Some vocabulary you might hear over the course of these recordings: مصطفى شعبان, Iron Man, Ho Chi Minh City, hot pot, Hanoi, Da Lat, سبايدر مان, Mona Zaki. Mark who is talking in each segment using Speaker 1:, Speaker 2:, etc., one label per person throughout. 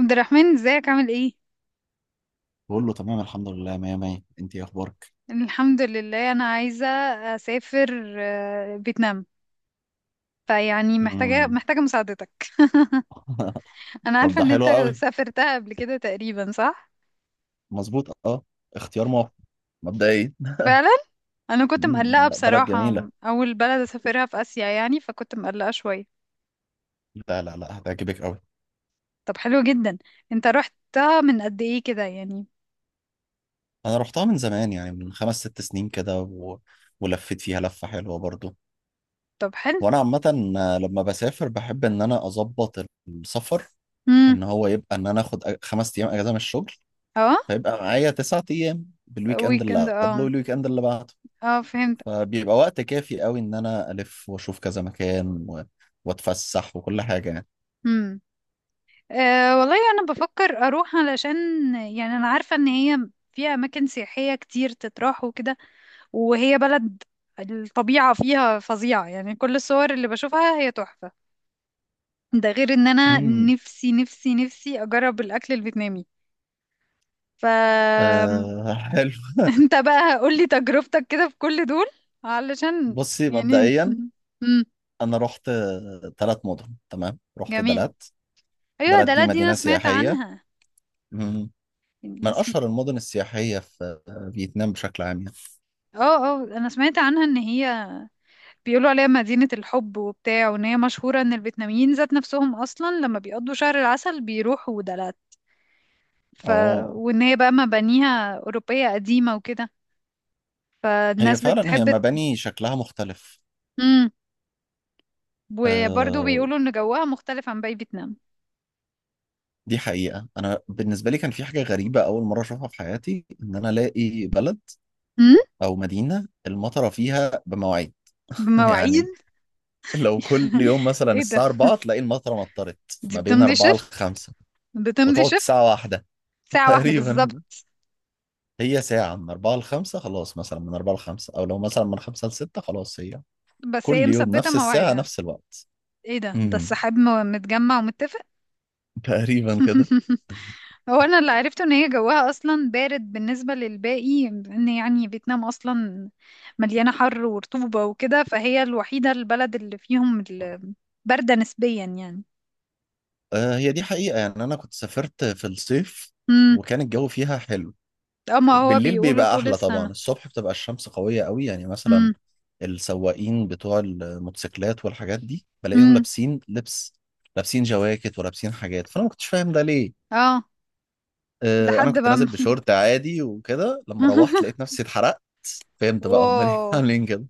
Speaker 1: عبد الرحمن، ازيك عامل ايه؟
Speaker 2: بقول له تمام، الحمد لله، مية مية. انت ايه اخبارك؟
Speaker 1: الحمد لله. انا عايزه اسافر فيتنام. فيعني محتاجه
Speaker 2: مم.
Speaker 1: محتاجه مساعدتك. انا
Speaker 2: طب
Speaker 1: عارفه
Speaker 2: ده
Speaker 1: ان انت
Speaker 2: حلو قوي.
Speaker 1: سافرتها قبل كده تقريبا، صح؟
Speaker 2: مظبوط، اه. اختيار موفق. مبدئيا.
Speaker 1: فعلا. انا كنت
Speaker 2: مم،
Speaker 1: مقلقه
Speaker 2: لا، بلد
Speaker 1: بصراحه.
Speaker 2: جميلة.
Speaker 1: اول بلد اسافرها في اسيا يعني، فكنت مقلقه شويه.
Speaker 2: لا لا لا، هتعجبك قوي.
Speaker 1: طب حلو جدا. انت رحتها من قد ايه كده يعني؟
Speaker 2: انا رحتها من زمان، يعني من 5 6 سنين كده، ولفيت فيها لفة حلوة برضو.
Speaker 1: طب حلو.
Speaker 2: وانا عامة، لما بسافر بحب ان انا اظبط السفر.
Speaker 1: امم.
Speaker 2: ان هو يبقى ان انا اخد 5 ايام اجازة من الشغل.
Speaker 1: اه.
Speaker 2: فيبقى معايا 9 ايام بالويك اند اللي
Speaker 1: ويكند.
Speaker 2: قبله
Speaker 1: اه،
Speaker 2: والويك اند اللي بعده.
Speaker 1: اه فهمت.
Speaker 2: فبيبقى وقت كافي قوي ان انا الف واشوف كذا مكان، واتفسح وكل حاجه يعني.
Speaker 1: أه والله انا بفكر اروح علشان، يعني انا عارفة ان هي فيها اماكن سياحية كتير تتراح وكده، وهي بلد الطبيعة فيها فظيعة. يعني كل الصور اللي بشوفها هي تحفة. ده غير ان انا
Speaker 2: امم.
Speaker 1: نفسي نفسي نفسي اجرب الاكل الفيتنامي. ف
Speaker 2: آه، حلو.
Speaker 1: انت بقى قولي تجربتك كده في كل دول علشان
Speaker 2: بصي
Speaker 1: يعني.
Speaker 2: مبدئيا.
Speaker 1: امم.
Speaker 2: انا رحت 3 مدن. تمام. رحت
Speaker 1: جميل.
Speaker 2: دلات.
Speaker 1: ايوه
Speaker 2: دلات
Speaker 1: ده.
Speaker 2: دي
Speaker 1: لا دي انا
Speaker 2: مدينه
Speaker 1: سمعت
Speaker 2: سياحيه.
Speaker 1: عنها
Speaker 2: مم.
Speaker 1: يعني
Speaker 2: من اشهر المدن السياحيه في فيتنام بشكل عام يعني.
Speaker 1: اه، اه انا سمعت عنها ان هي بيقولوا عليها مدينة الحب وبتاع، وان هي مشهورة ان الفيتناميين ذات نفسهم اصلا لما بيقضوا شهر العسل بيروحوا دلات. ف
Speaker 2: اه،
Speaker 1: وان هي بقى مبانيها اوروبية قديمة وكده،
Speaker 2: هي
Speaker 1: فالناس
Speaker 2: فعلا هي
Speaker 1: بتحب.
Speaker 2: مباني شكلها مختلف.
Speaker 1: امم. وبرضه
Speaker 2: آه،
Speaker 1: بيقولوا ان جوها مختلف عن باقي فيتنام.
Speaker 2: دي حقيقه، انا بالنسبه لي كان في حاجه غريبه اول مره اشوفها في حياتي، ان انا الاقي بلد
Speaker 1: امم.
Speaker 2: او مدينه المطره فيها بمواعيد.
Speaker 1: بمواعيد.
Speaker 2: يعني لو كل يوم مثلا
Speaker 1: ايه ده!
Speaker 2: الساعة 4 تلاقي المطرة مطرت.
Speaker 1: دي
Speaker 2: ما بين
Speaker 1: بتمضي
Speaker 2: 4 ل
Speaker 1: شفت.
Speaker 2: 5.
Speaker 1: بتمضي
Speaker 2: وتقعد
Speaker 1: شفت.
Speaker 2: ساعة واحدة.
Speaker 1: ساعة واحدة بالظبط.
Speaker 2: تقريبا. هي ساعة من 4 ل 5، خلاص، مثلا من 4 ل 5، أو لو مثلا من 5 ل 6، خلاص هي
Speaker 1: بس هي
Speaker 2: كل يوم
Speaker 1: مثبتة
Speaker 2: نفس الساعة
Speaker 1: مواعيدها.
Speaker 2: نفس الوقت.
Speaker 1: ايه ده! ده
Speaker 2: امم.
Speaker 1: السحاب متجمع ومتفق.
Speaker 2: تقريبا كده.
Speaker 1: هو انا اللي عرفته ان هي جواها اصلا بارد بالنسبه للباقي، ان يعني فيتنام اصلا مليانه حر ورطوبه وكده، فهي الوحيده البلد اللي فيهم بارده نسبيا يعني.
Speaker 2: آه، هي دي حقيقة يعني، أنا كنت سافرت في الصيف،
Speaker 1: امم.
Speaker 2: وكان الجو فيها حلو.
Speaker 1: اه ما هو
Speaker 2: بالليل
Speaker 1: بيقولوا
Speaker 2: بيبقى
Speaker 1: طول
Speaker 2: احلى طبعا.
Speaker 1: السنه.
Speaker 2: الصبح بتبقى الشمس قوية قوي، يعني مثلا
Speaker 1: امم.
Speaker 2: السواقين بتوع الموتوسيكلات والحاجات دي بلاقيهم
Speaker 1: امم.
Speaker 2: لابسين لبس. لابسين جواكت ولابسين حاجات، فانا ما كنتش فاهم ده ليه.
Speaker 1: اه
Speaker 2: انا
Speaker 1: لحد
Speaker 2: كنت
Speaker 1: بقى
Speaker 2: نازل بشورت عادي وكده، لما روحت لقيت نفسي اتحرقت. فهمت بقى هم ليه
Speaker 1: واو!
Speaker 2: عاملين كده.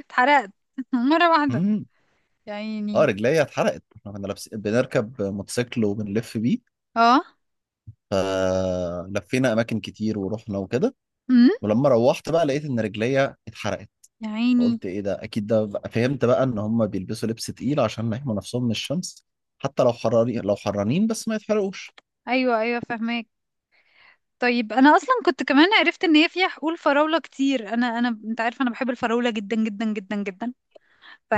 Speaker 1: اتحرقت مره واحده.
Speaker 2: امم.
Speaker 1: يا
Speaker 2: اه،
Speaker 1: عيني.
Speaker 2: رجليا اتحرقت. احنا كنا لابسين بنركب موتوسيكل وبنلف بيه.
Speaker 1: اه.
Speaker 2: فلفينا اماكن كتير ورحنا وكده.
Speaker 1: امم.
Speaker 2: ولما روحت بقى لقيت ان رجليا اتحرقت.
Speaker 1: يا عيني.
Speaker 2: فقلت ايه ده، اكيد فهمت بقى ان هم بيلبسوا لبس تقيل عشان يحموا نفسهم من الشمس. حتى لو حراري، لو حرانين، بس ما يتحرقوش.
Speaker 1: ايوه ايوه فهماك. طيب انا اصلا كنت كمان عرفت ان هي فيها حقول فراولة كتير. انا انت عارف انا بحب الفراولة جدا جدا جدا جدا،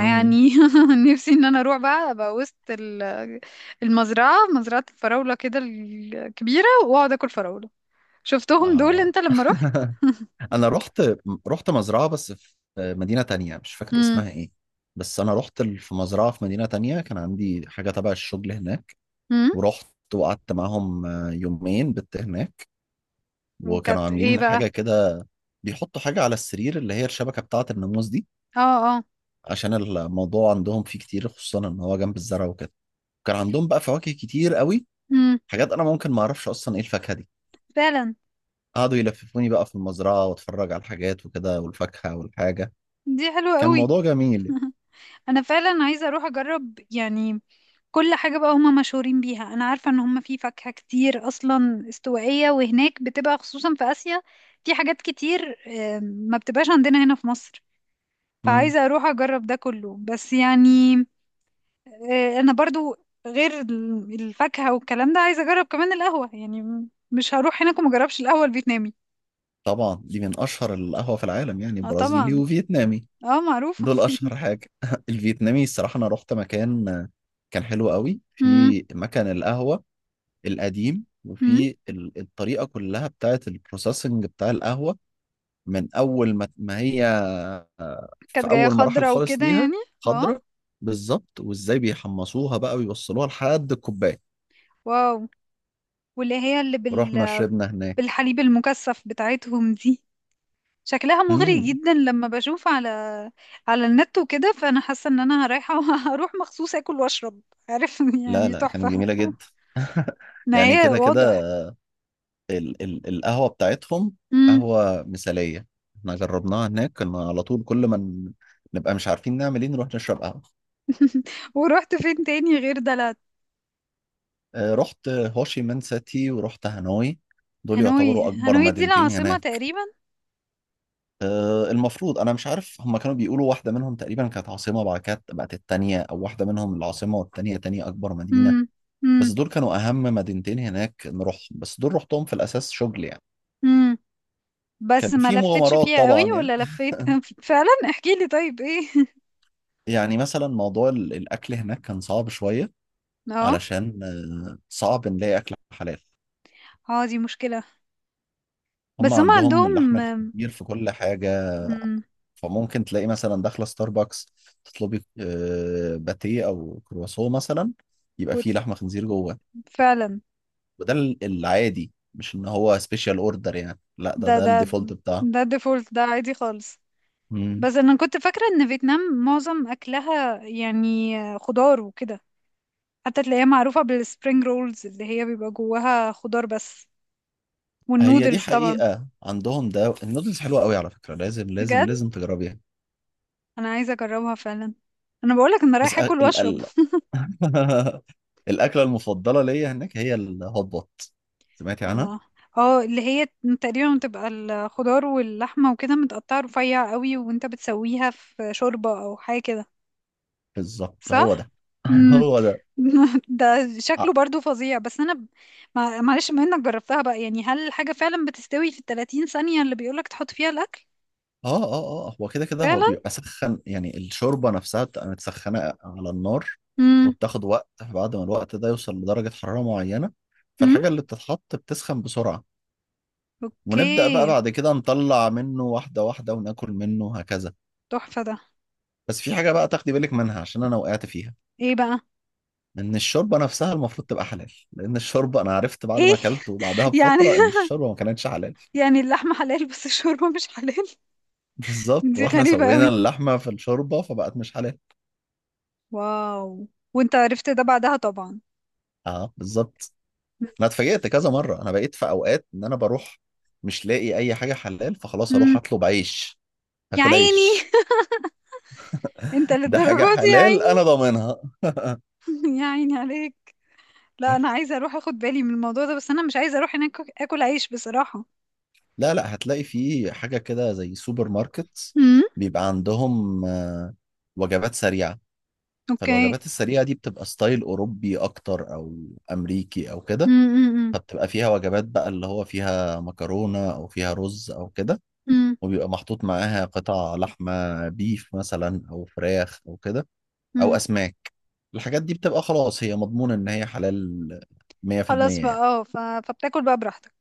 Speaker 2: امم.
Speaker 1: نفسي ان انا اروح بقى ابقى وسط المزرعة، مزرعة الفراولة كده الكبيرة، واقعد اكل فراولة. شفتهم دول
Speaker 2: آه.
Speaker 1: انت لما رحت؟
Speaker 2: انا رحت مزرعة، بس في مدينة تانية مش فاكر
Speaker 1: امم.
Speaker 2: اسمها ايه. بس انا رحت في مزرعة في مدينة تانية، كان عندي حاجة تبع الشغل هناك.
Speaker 1: امم.
Speaker 2: ورحت وقعدت معاهم يومين بت هناك. وكانوا
Speaker 1: وكانت ايه
Speaker 2: عاملين
Speaker 1: بقى؟
Speaker 2: حاجة كده. بيحطوا حاجة على السرير، اللي هي الشبكة بتاعة الناموس دي.
Speaker 1: اه. اه.
Speaker 2: عشان الموضوع عندهم فيه كتير، خصوصا ان هو جنب الزرع وكده. كان عندهم بقى فواكه كتير قوي.
Speaker 1: امم.
Speaker 2: حاجات انا ممكن ما اعرفش اصلا ايه الفاكهه دي.
Speaker 1: فعلا.
Speaker 2: قعدوا يلففوني بقى في المزرعه واتفرج على الحاجات وكده والفاكهه والحاجه.
Speaker 1: دي حلوة
Speaker 2: كان
Speaker 1: قوي.
Speaker 2: موضوع جميل.
Speaker 1: انا فعلا عايزة اروح اجرب يعني كل حاجة بقى هما مشهورين بيها. أنا عارفة إن هما في فاكهة كتير أصلا استوائية، وهناك بتبقى خصوصا في آسيا في حاجات كتير ما بتبقاش عندنا هنا في مصر.
Speaker 2: امم.
Speaker 1: فعايزة أروح أجرب ده كله. بس يعني أنا برضو غير الفاكهة والكلام ده، عايزة أجرب كمان القهوة. يعني مش هروح هناك وما أجربش القهوة الفيتنامي.
Speaker 2: طبعا دي من اشهر القهوه في العالم، يعني
Speaker 1: اه
Speaker 2: برازيلي
Speaker 1: طبعا.
Speaker 2: وفيتنامي.
Speaker 1: اه معروفة.
Speaker 2: دول اشهر حاجه. الفيتنامي الصراحه، انا رحت مكان كان حلو قوي
Speaker 1: مم.
Speaker 2: في مكان القهوه القديم،
Speaker 1: مم.
Speaker 2: وفي الطريقه كلها بتاعت البروسيسنج بتاع القهوه، من اول ما هي
Speaker 1: كانت
Speaker 2: في
Speaker 1: جاية
Speaker 2: اول مراحل
Speaker 1: خضرة
Speaker 2: خالص
Speaker 1: وكده
Speaker 2: ليها.
Speaker 1: يعني. اه.
Speaker 2: خضرة. بالظبط. وازاي بيحمصوها بقى ويوصلوها لحد الكوبايه.
Speaker 1: واو. واللي هي اللي
Speaker 2: ورحنا
Speaker 1: بال...
Speaker 2: شربنا هناك.
Speaker 1: بالحليب المكثف بتاعتهم دي شكلها مغري
Speaker 2: امم.
Speaker 1: جدا لما بشوف على على النت وكده، فانا حاسه ان انا رايحه. هروح مخصوص اكل واشرب، عارف؟
Speaker 2: لا
Speaker 1: يعني
Speaker 2: لا، كانت
Speaker 1: تحفه.
Speaker 2: جميله جدا.
Speaker 1: ما
Speaker 2: يعني
Speaker 1: هي
Speaker 2: كده كده،
Speaker 1: واضح.
Speaker 2: ال القهوه بتاعتهم
Speaker 1: امم.
Speaker 2: قهوه مثاليه. احنا جربناها هناك، كنا على طول كل ما نبقى مش عارفين نعمل ايه نروح نشرب قهوه.
Speaker 1: ورحت فين تاني غير دلات؟
Speaker 2: رحت هوشي مان سيتي ورحت هانوي. دول
Speaker 1: هانوي.
Speaker 2: يعتبروا اكبر
Speaker 1: هانوي دي
Speaker 2: مدينتين
Speaker 1: العاصمه
Speaker 2: هناك.
Speaker 1: تقريبا.
Speaker 2: المفروض انا مش عارف، هما كانوا بيقولوا واحده منهم تقريبا كانت عاصمه بعد كده بقت التانيه، او واحده منهم العاصمه والتانيه تاني اكبر مدينه.
Speaker 1: امم.
Speaker 2: بس
Speaker 1: امم.
Speaker 2: دول كانوا اهم مدينتين هناك نروحهم، بس دول رحتهم في الاساس شغل يعني.
Speaker 1: امم.
Speaker 2: كان
Speaker 1: بس ما
Speaker 2: في
Speaker 1: لفتش
Speaker 2: مغامرات
Speaker 1: فيها قوي
Speaker 2: طبعا يعني.
Speaker 1: ولا لفيت. فعلا احكي لي طيب، ايه؟
Speaker 2: يعني مثلا موضوع الاكل هناك كان صعب شويه،
Speaker 1: اه.
Speaker 2: علشان صعب نلاقي اكل حلال.
Speaker 1: اه دي مشكله. بس
Speaker 2: هما
Speaker 1: هم
Speaker 2: عندهم اللحم
Speaker 1: عندهم.
Speaker 2: الخنزير في كل حاجه.
Speaker 1: امم.
Speaker 2: فممكن تلاقي مثلا داخله ستاربكس تطلبي باتيه او كرواسون مثلا، يبقى فيه
Speaker 1: كتله.
Speaker 2: لحمه خنزير جوه.
Speaker 1: فعلا.
Speaker 2: وده العادي، مش ان هو سبيشال اوردر يعني، لا ده
Speaker 1: ده
Speaker 2: ده
Speaker 1: ده
Speaker 2: الديفولت بتاعه.
Speaker 1: ده ديفولت، ده عادي خالص.
Speaker 2: مم.
Speaker 1: بس انا كنت فاكرة ان فيتنام معظم اكلها يعني خضار وكده، حتى تلاقيها معروفة بالسبرينج رولز اللي هي بيبقى جواها خضار بس،
Speaker 2: هي دي
Speaker 1: والنودلز طبعا.
Speaker 2: حقيقة، عندهم ده النودلز حلوة قوي على فكرة، لازم لازم
Speaker 1: بجد،
Speaker 2: لازم تجربيها.
Speaker 1: انا عايزة اجربها فعلا. انا بقولك انا
Speaker 2: بس أ-
Speaker 1: رايحة اكل
Speaker 2: ال
Speaker 1: واشرب.
Speaker 2: ال الأكلة المفضلة ليا هناك هي الهوت بوت. سمعتي عنها؟
Speaker 1: الله. اه اللي هي تقريبا بتبقى الخضار واللحمة وكده متقطعة رفيع قوي، وانت بتسويها في شوربة او حاجة كده.
Speaker 2: بالظبط، هو
Speaker 1: صح.
Speaker 2: ده.
Speaker 1: امم.
Speaker 2: هو ده.
Speaker 1: ده شكله برضو فظيع. بس انا معلش بما انك جربتها بقى، يعني هل الحاجة فعلا بتستوي في الـ30 ثانية اللي بيقولك تحط فيها الاكل؟
Speaker 2: اه اه اه، هو كده كده، هو
Speaker 1: فعلا.
Speaker 2: بيبقى سخن يعني. الشوربة نفسها بتبقى متسخنة على النار،
Speaker 1: امم.
Speaker 2: وبتاخد وقت. بعد ما الوقت ده يوصل لدرجة حرارة معينة،
Speaker 1: امم.
Speaker 2: فالحاجة اللي بتتحط بتسخن بسرعة. ونبدأ بقى
Speaker 1: اوكي.
Speaker 2: بعد كده نطلع منه واحدة واحدة وناكل منه هكذا.
Speaker 1: تحفة ده.
Speaker 2: بس في حاجة بقى تاخدي بالك منها عشان أنا وقعت فيها.
Speaker 1: ايه بقى؟
Speaker 2: إن الشوربة نفسها المفروض تبقى حلال، لأن الشوربة أنا عرفت بعد
Speaker 1: ايه؟
Speaker 2: ما أكلت وبعدها
Speaker 1: يعني.
Speaker 2: بفترة إن الشوربة ما كانتش حلال.
Speaker 1: يعني اللحمة حلال بس الشوربة مش حلال.
Speaker 2: بالظبط،
Speaker 1: دي
Speaker 2: وإحنا
Speaker 1: غريبة
Speaker 2: سوينا
Speaker 1: قوي.
Speaker 2: اللحمة في الشوربة فبقت مش حلال.
Speaker 1: واو. وانت عرفت ده بعدها طبعا.
Speaker 2: اه، بالظبط. انا اتفاجئت كذا مره. انا بقيت في اوقات ان انا بروح مش لاقي اي حاجه حلال، فخلاص اروح
Speaker 1: امم.
Speaker 2: اطلب عيش.
Speaker 1: يا
Speaker 2: هاكل
Speaker 1: عيني.
Speaker 2: عيش.
Speaker 1: انت
Speaker 2: ده حاجه
Speaker 1: للدرجة دي؟ يا
Speaker 2: حلال،
Speaker 1: عيني.
Speaker 2: انا ضامنها.
Speaker 1: يا عيني عليك. لا انا عايزه اروح اخد بالي من الموضوع ده، بس انا مش عايزه اروح هناك اكل عيش بصراحه.
Speaker 2: لا لا، هتلاقي في حاجه كده زي سوبر ماركت.
Speaker 1: امم.
Speaker 2: بيبقى عندهم وجبات سريعه.
Speaker 1: اوكي.
Speaker 2: فالوجبات السريعه دي بتبقى ستايل اوروبي اكتر، او امريكي او كده.
Speaker 1: امم.
Speaker 2: فبتبقى فيها وجبات بقى، اللي هو فيها مكرونه او فيها رز او كده.
Speaker 1: امم.
Speaker 2: وبيبقى محطوط معاها قطع لحمه بيف مثلا، او فراخ او كده، او
Speaker 1: امم.
Speaker 2: اسماك. الحاجات دي بتبقى خلاص هي مضمونة ان هي حلال
Speaker 1: خلاص
Speaker 2: 100%
Speaker 1: بقى.
Speaker 2: يعني.
Speaker 1: اه فبتاكل بقى براحتك.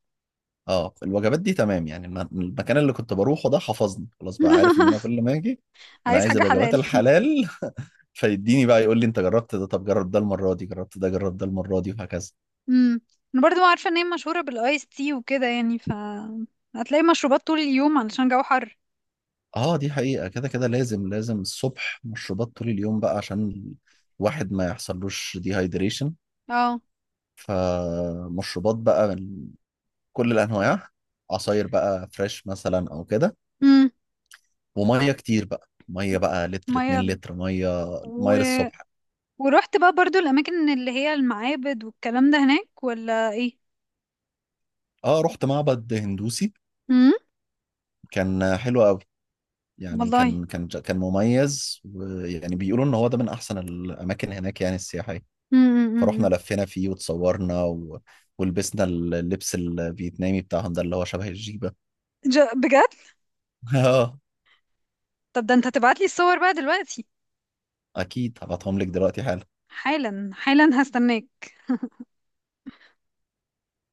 Speaker 2: اه، الوجبات دي تمام يعني. المكان اللي كنت بروحه ده حفظني خلاص بقى، عارف ان انا كل ما اجي انا
Speaker 1: عايز
Speaker 2: عايز
Speaker 1: حاجه
Speaker 2: الوجبات
Speaker 1: حلال.
Speaker 2: الحلال. فيديني بقى يقول لي انت جربت ده، طب جرب ده، المرة دي جربت ده، جرب ده، المرة دي وهكذا.
Speaker 1: امم. انا برضو عارفه ان هي مشهوره بالايس تي وكده، يعني ف هتلاقي مشروبات طول اليوم علشان جو حر.
Speaker 2: اه، دي حقيقة كده كده، لازم لازم الصبح مشروبات طول اليوم بقى، عشان الواحد ما يحصلوش ديهايدريشن.
Speaker 1: اه.
Speaker 2: فمشروبات بقى من كل الانواع. عصاير بقى فريش مثلا او كده،
Speaker 1: امم.
Speaker 2: وميه كتير بقى، ميه بقى لتر
Speaker 1: ميه
Speaker 2: 2 لتر ميه،
Speaker 1: و...
Speaker 2: ميه للصبح.
Speaker 1: ورحت بقى برضو الاماكن اللي هي المعابد والكلام ده هناك ولا ايه؟
Speaker 2: اه، رحت معبد هندوسي
Speaker 1: امم.
Speaker 2: كان حلو قوي. يعني
Speaker 1: والله.
Speaker 2: كان مميز، ويعني بيقولوا ان هو ده من احسن الاماكن هناك يعني، السياحيه.
Speaker 1: امم. امم.
Speaker 2: فروحنا
Speaker 1: أمم.
Speaker 2: لفينا فيه وتصورنا، ولبسنا اللبس الفيتنامي بتاعهم ده اللي هو شبه الجيبه.
Speaker 1: بجد؟
Speaker 2: اه.
Speaker 1: طب ده انت هتبعت لي الصور بقى دلوقتي؟
Speaker 2: اكيد هبعتهم لك دلوقتي حالا.
Speaker 1: حالا. حالا هستناك.